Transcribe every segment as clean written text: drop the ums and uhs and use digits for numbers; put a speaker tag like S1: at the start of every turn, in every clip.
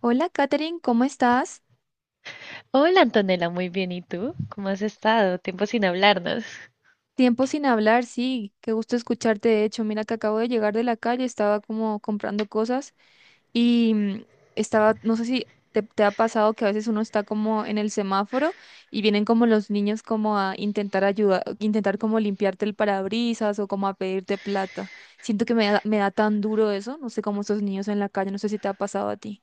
S1: Hola, Katherine, ¿cómo estás?
S2: Hola Antonella, muy bien. ¿Y tú? ¿Cómo has estado? Tiempo sin hablarnos.
S1: Tiempo sin hablar, sí, qué gusto escucharte. De hecho, mira que acabo de llegar de la calle, estaba como comprando cosas y estaba, no sé si te ha pasado que a veces uno está como en el semáforo y vienen como los niños como a intentar ayudar, intentar como limpiarte el parabrisas o como a pedirte plata. Siento que me da tan duro eso, no sé cómo esos niños en la calle, no sé si te ha pasado a ti.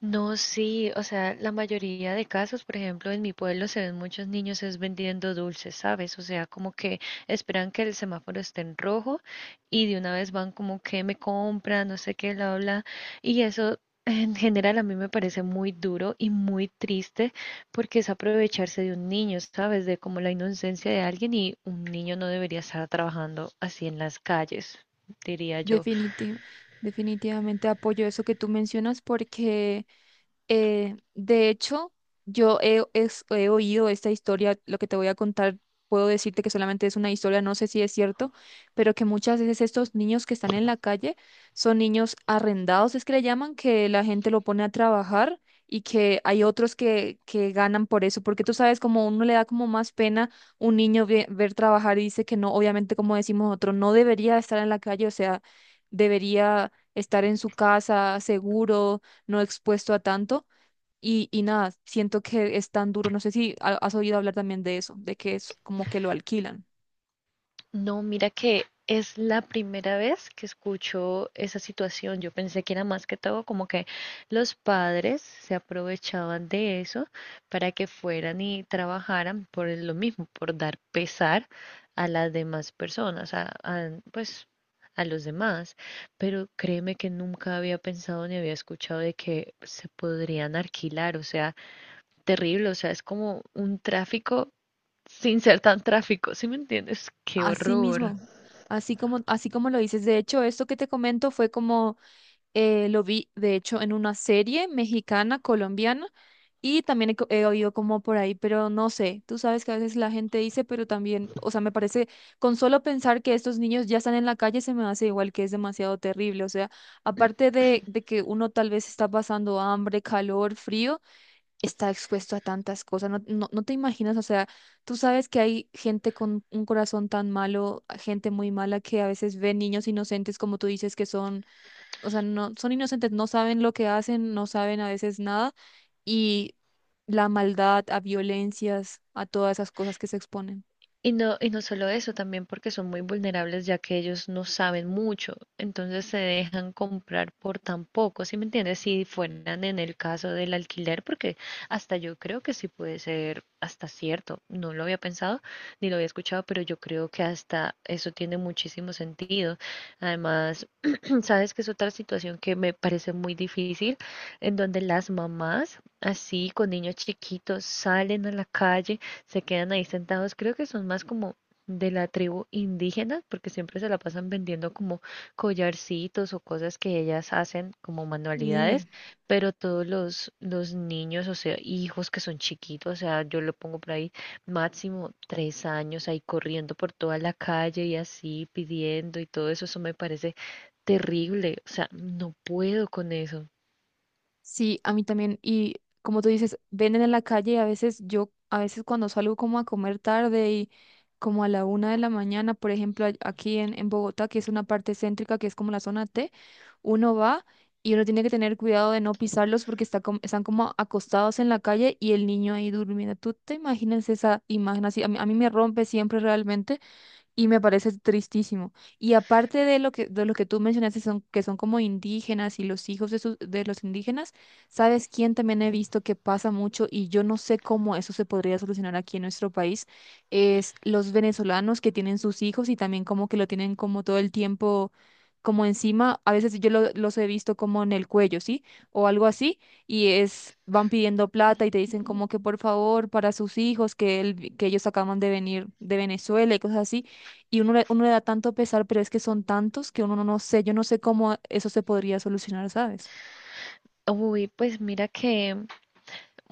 S2: No, sí, o sea, la mayoría de casos, por ejemplo, en mi pueblo se ven muchos niños es vendiendo dulces, ¿sabes? O sea, como que esperan que el semáforo esté en rojo y de una vez van como que me compran, no sé qué, bla, bla. Y eso en general a mí me parece muy duro y muy triste porque es aprovecharse de un niño, ¿sabes? De como la inocencia de alguien y un niño no debería estar trabajando así en las calles, diría yo.
S1: Definitivo, definitivamente apoyo eso que tú mencionas porque... De hecho, he oído esta historia, lo que te voy a contar, puedo decirte que solamente es una historia, no sé si es cierto, pero que muchas veces estos niños que están en la calle son niños arrendados, es que le llaman, que la gente lo pone a trabajar y que hay otros que ganan por eso, porque tú sabes, como uno le da como más pena un niño ver trabajar y dice que no, obviamente como decimos otro, no debería estar en la calle, o sea, debería estar en su casa seguro no expuesto a tanto. Y nada, siento que es tan duro. No sé si has oído hablar también de eso, de que es como que lo alquilan.
S2: No, mira que es la primera vez que escucho esa situación. Yo pensé que era más que todo como que los padres se aprovechaban de eso para que fueran y trabajaran por lo mismo, por dar pesar a las demás personas, pues a los demás. Pero créeme que nunca había pensado ni había escuchado de que se podrían alquilar. O sea, terrible. O sea, es como un tráfico sin ser tan tráfico. ¿Sí me entiendes? Qué
S1: Así
S2: horror.
S1: mismo, así como lo dices. De hecho, esto que te comento fue como. Lo vi, de hecho, en una serie mexicana, colombiana, y también he oído como por ahí, pero no sé, tú sabes que a veces la gente dice, pero también, o sea, me parece, con solo pensar que estos niños ya están en la calle, se me hace igual que es demasiado terrible, o sea, aparte de que uno tal vez está pasando hambre, calor, frío, está expuesto a tantas cosas, no te imaginas, o sea, tú sabes que hay gente con un corazón tan malo, gente muy mala que a veces ve niños inocentes, como tú dices, que son, o sea, no, son inocentes, no saben lo que hacen, no saben a veces nada y la maldad, a violencias, a todas esas cosas que se exponen.
S2: Y no solo eso, también porque son muy vulnerables ya que ellos no saben mucho, entonces se dejan comprar por tan poco, ¿sí me entiendes? Si fueran en el caso del alquiler, porque hasta yo creo que sí puede ser hasta cierto, no lo había pensado ni lo había escuchado, pero yo creo que hasta eso tiene muchísimo sentido. Además, sabes que es otra situación que me parece muy difícil, en donde las mamás, así con niños chiquitos, salen a la calle, se quedan ahí sentados. Creo que son más como de la tribu indígena, porque siempre se la pasan vendiendo como collarcitos o cosas que ellas hacen como
S1: Y
S2: manualidades, pero todos los niños, o sea, hijos que son chiquitos, o sea, yo lo pongo por ahí máximo 3 años ahí corriendo por toda la calle y así pidiendo y todo eso, eso me parece terrible, o sea, no puedo con eso.
S1: sí, a mí también. Y como tú dices, venden en la calle y a veces yo, a veces cuando salgo como a comer tarde y como a la una de la mañana, por ejemplo, aquí en Bogotá, que es una parte céntrica, que es como la zona T, uno va y uno tiene que tener cuidado de no pisarlos porque están como acostados en la calle y el niño ahí durmiendo. ¿Tú te imaginas esa imagen así? A mí me rompe siempre realmente y me parece tristísimo. Y aparte de lo de lo que tú mencionaste, son, que son como indígenas y los hijos de, de los indígenas, ¿sabes quién también he visto que pasa mucho y yo no sé cómo eso se podría solucionar aquí en nuestro país? Es los venezolanos que tienen sus hijos y también como que lo tienen como todo el tiempo, como encima, a veces los he visto como en el cuello, ¿sí? O algo así, y es, van pidiendo plata y te dicen como que por favor para sus hijos, que ellos acaban de venir de Venezuela y cosas así, y uno le da tanto pesar, pero es que son tantos que uno no, no sé, yo no sé cómo eso se podría solucionar, ¿sabes?
S2: Uy, pues mira que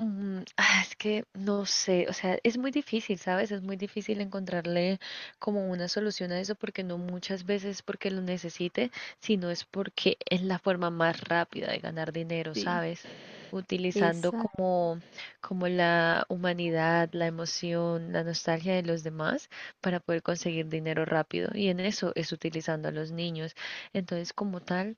S2: Es que no sé, o sea, es muy difícil, ¿sabes? Es muy difícil encontrarle como una solución a eso porque no muchas veces porque lo necesite, sino es porque es la forma más rápida de ganar dinero,
S1: Sí.
S2: ¿sabes? Utilizando
S1: Exacto,
S2: como la humanidad, la emoción, la nostalgia de los demás para poder conseguir dinero rápido. Y en eso es utilizando a los niños. Entonces, como tal...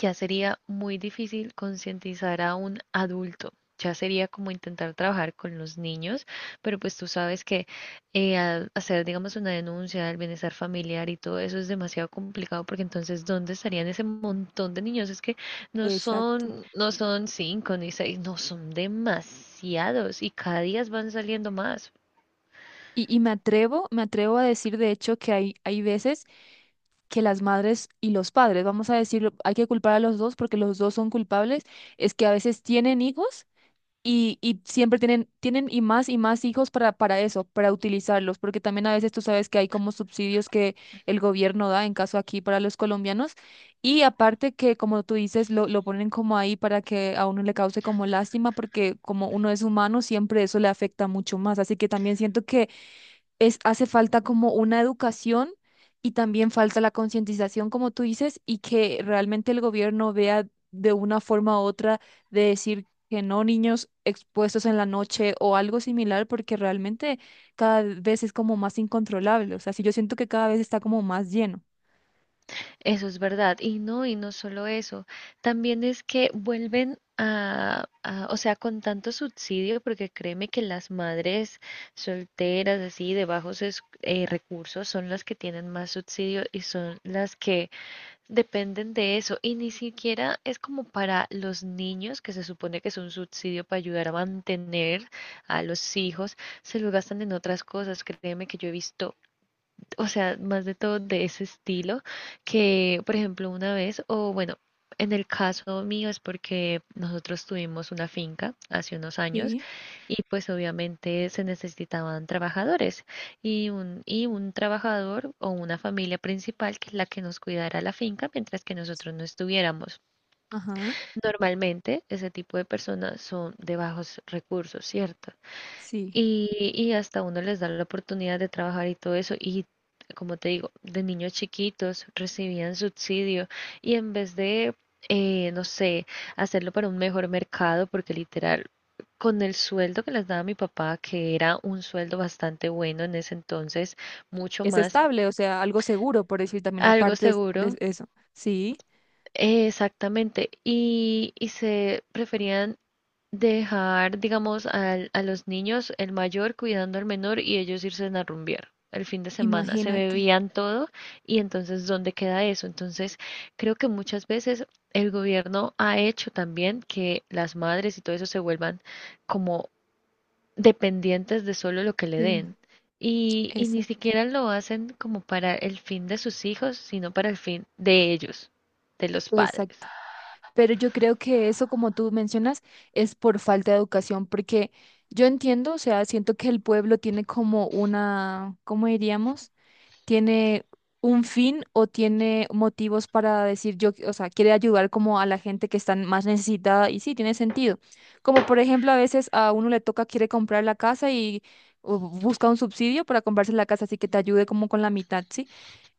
S2: Ya sería muy difícil concientizar a un adulto. Ya sería como intentar trabajar con los niños, pero pues tú sabes que al hacer, digamos, una denuncia del bienestar familiar y todo eso es demasiado complicado porque entonces, ¿dónde estarían ese montón de niños? Es que no
S1: exacto.
S2: son, no son cinco ni seis, no son demasiados y cada día van saliendo más.
S1: Y me me atrevo a decir, de hecho, que hay veces que las madres y los padres, vamos a decirlo, hay que culpar a los dos porque los dos son culpables, es que a veces tienen hijos. Y siempre tienen y más hijos para eso, para utilizarlos, porque también a veces tú sabes que hay como subsidios que el gobierno da, en caso aquí para los colombianos, y aparte que como tú dices, lo ponen como ahí para que a uno le cause como lástima, porque como uno es humano, siempre eso le afecta mucho más, así que también siento que es, hace falta como una educación y también falta la concientización, como tú dices, y que realmente el gobierno vea de una forma u otra de decir que no niños expuestos en la noche o algo similar, porque realmente cada vez es como más incontrolable. O sea, sí, yo siento que cada vez está como más lleno.
S2: Eso es verdad. Y no solo eso, también es que vuelven o sea, con tanto subsidio, porque créeme que las madres solteras, así, de bajos recursos, son las que tienen más subsidio y son las que dependen de eso. Y ni siquiera es como para los niños, que se supone que es un subsidio para ayudar a mantener a los hijos, se lo gastan en otras cosas. Créeme que yo he visto, o sea, más de todo de ese estilo, que por ejemplo una vez, o bueno, en el caso mío es porque nosotros tuvimos una finca hace unos años
S1: Sí,
S2: y pues obviamente se necesitaban trabajadores y un trabajador o una familia principal que es la que nos cuidara la finca mientras que nosotros no estuviéramos.
S1: ajá,
S2: Normalmente ese tipo de personas son de bajos recursos, ¿cierto?
S1: sí.
S2: Y hasta uno les da la oportunidad de trabajar y todo eso. Y como te digo, de niños chiquitos recibían subsidio y en vez de, no sé, hacerlo para un mejor mercado, porque literal, con el sueldo que les daba mi papá, que era un sueldo bastante bueno en ese entonces, mucho
S1: Es
S2: más,
S1: estable, o sea, algo seguro, por decir también,
S2: algo
S1: aparte de
S2: seguro,
S1: eso. Sí,
S2: exactamente, y se preferían dejar, digamos, a los niños, el mayor cuidando al menor y ellos irse a rumbear el fin de semana. Se
S1: imagínate.
S2: bebían todo y entonces, ¿dónde queda eso? Entonces, creo que muchas veces el gobierno ha hecho también que las madres y todo eso se vuelvan como dependientes de solo lo que le
S1: Sí,
S2: den. Y ni
S1: exacto.
S2: siquiera lo hacen como para el fin de sus hijos, sino para el fin de ellos, de los padres.
S1: Pero yo creo que eso, como tú mencionas, es por falta de educación, porque yo entiendo, o sea, siento que el pueblo tiene como una, ¿cómo diríamos? Tiene un fin o tiene motivos para decir yo, o sea, quiere ayudar como a la gente que está más necesitada y sí, tiene sentido. Como por ejemplo, a veces a uno le toca, quiere comprar la casa y o busca un subsidio para comprarse la casa, así que te ayude como con la mitad, ¿sí?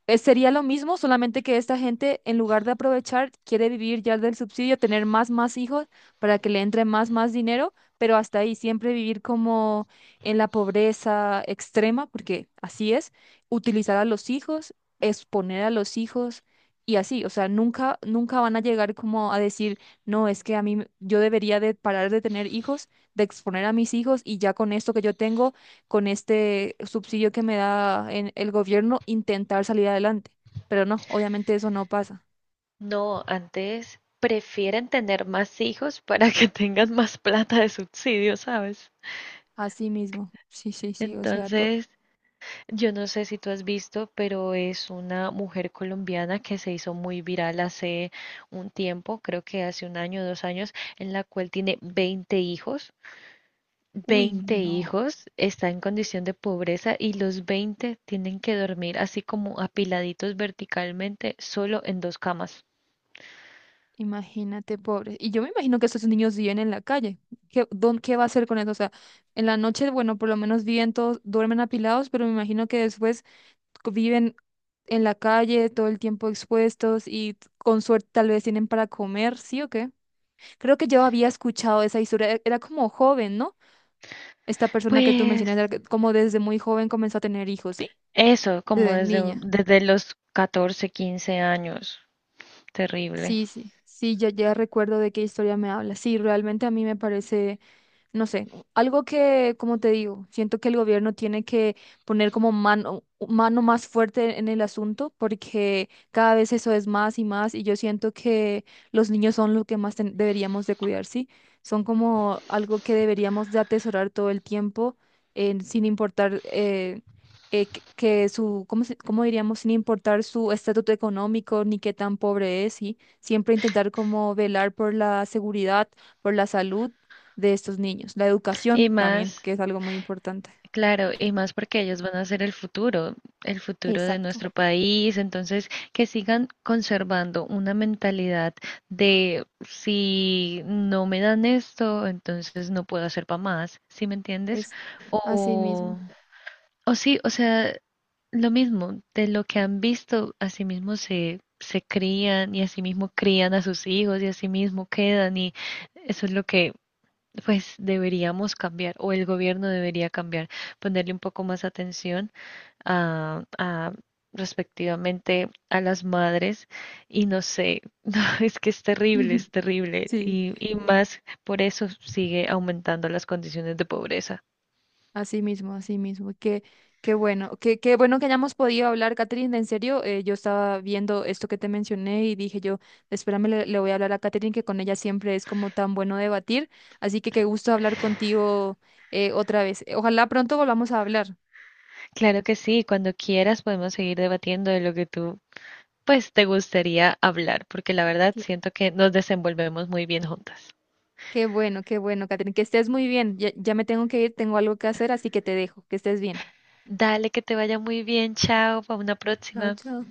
S1: Sería lo mismo, solamente que esta gente, en lugar de aprovechar, quiere vivir ya del subsidio, tener más hijos para que le entre más dinero, pero hasta ahí siempre vivir como en la pobreza extrema, porque así es, utilizar a los hijos, exponer a los hijos y así, o sea, nunca van a llegar como a decir, no, es que yo debería de parar de tener hijos, de exponer a mis hijos y ya con esto que yo tengo con este subsidio que me da en el gobierno, intentar salir adelante. Pero no, obviamente eso no pasa.
S2: No, antes prefieren tener más hijos para que tengan más plata de subsidio, ¿sabes?
S1: Así mismo. Sí, sí, sí, o sea, todo.
S2: Entonces, yo no sé si tú has visto, pero es una mujer colombiana que se hizo muy viral hace un tiempo, creo que hace un año, dos años, en la cual tiene 20 hijos.
S1: Uy,
S2: veinte
S1: no.
S2: hijos, está en condición de pobreza y los 20 tienen que dormir así como apiladitos verticalmente, solo en dos camas.
S1: Imagínate, pobre. Y yo me imagino que esos niños viven en la calle. ¿Qué, qué va a hacer con eso? O sea, en la noche, bueno, por lo menos viven todos, duermen apilados, pero me imagino que después viven en la calle todo el tiempo expuestos y con suerte tal vez tienen para comer, ¿sí o qué? Creo que yo había escuchado esa historia, era como joven, ¿no? Esta persona que tú mencionas,
S2: Pues
S1: como desde muy joven comenzó a tener hijos, ¿sí?
S2: eso, como
S1: Desde
S2: desde,
S1: niña.
S2: desde los 14, 15 años, terrible.
S1: Sí, sí, sí, ya recuerdo de qué historia me habla. Sí, realmente a mí me parece, no sé, algo que, como te digo, siento que el gobierno tiene que poner como mano más fuerte en el asunto porque cada vez eso es más y más y yo siento que los niños son lo que más deberíamos de cuidar, ¿sí? Son como algo que deberíamos de atesorar todo el tiempo sin importar... que su, ¿cómo, cómo diríamos? Sin importar su estatuto económico ni qué tan pobre es, ¿sí? Siempre intentar como velar por la seguridad, por la salud de estos niños. La educación
S2: Y
S1: también,
S2: más,
S1: que es algo muy importante.
S2: claro, y más porque ellos van a ser el futuro de
S1: Exacto,
S2: nuestro país. Entonces, que sigan conservando una mentalidad de si no me dan esto, entonces no puedo hacer para más, ¿sí me entiendes?
S1: es así
S2: O
S1: mismo.
S2: O sí, o sea, lo mismo, de lo que han visto, así mismo se crían y así mismo crían a sus hijos y así mismo quedan y eso es lo que pues deberíamos cambiar o el gobierno debería cambiar, ponerle un poco más atención a respectivamente a las madres y no sé, no, es que
S1: Ujú.
S2: es terrible
S1: Sí,
S2: y más por eso sigue aumentando las condiciones de pobreza.
S1: así mismo, así mismo. Qué bueno, qué bueno que hayamos podido hablar, Catherine. En serio, yo estaba viendo esto que te mencioné y dije yo, espérame, le voy a hablar a Catherine, que con ella siempre es como tan bueno debatir. Así que qué gusto hablar contigo, otra vez. Ojalá pronto volvamos a hablar.
S2: Claro que sí, cuando quieras podemos seguir debatiendo de lo que tú, pues, te gustaría hablar, porque la verdad
S1: Cla-
S2: siento que nos desenvolvemos muy bien juntas.
S1: Qué bueno, Catherine. Que estés muy bien. Ya me tengo que ir, tengo algo que hacer, así que te dejo. Que estés bien.
S2: Dale, que te vaya muy bien, chao, para una
S1: Chao,
S2: próxima.
S1: chao.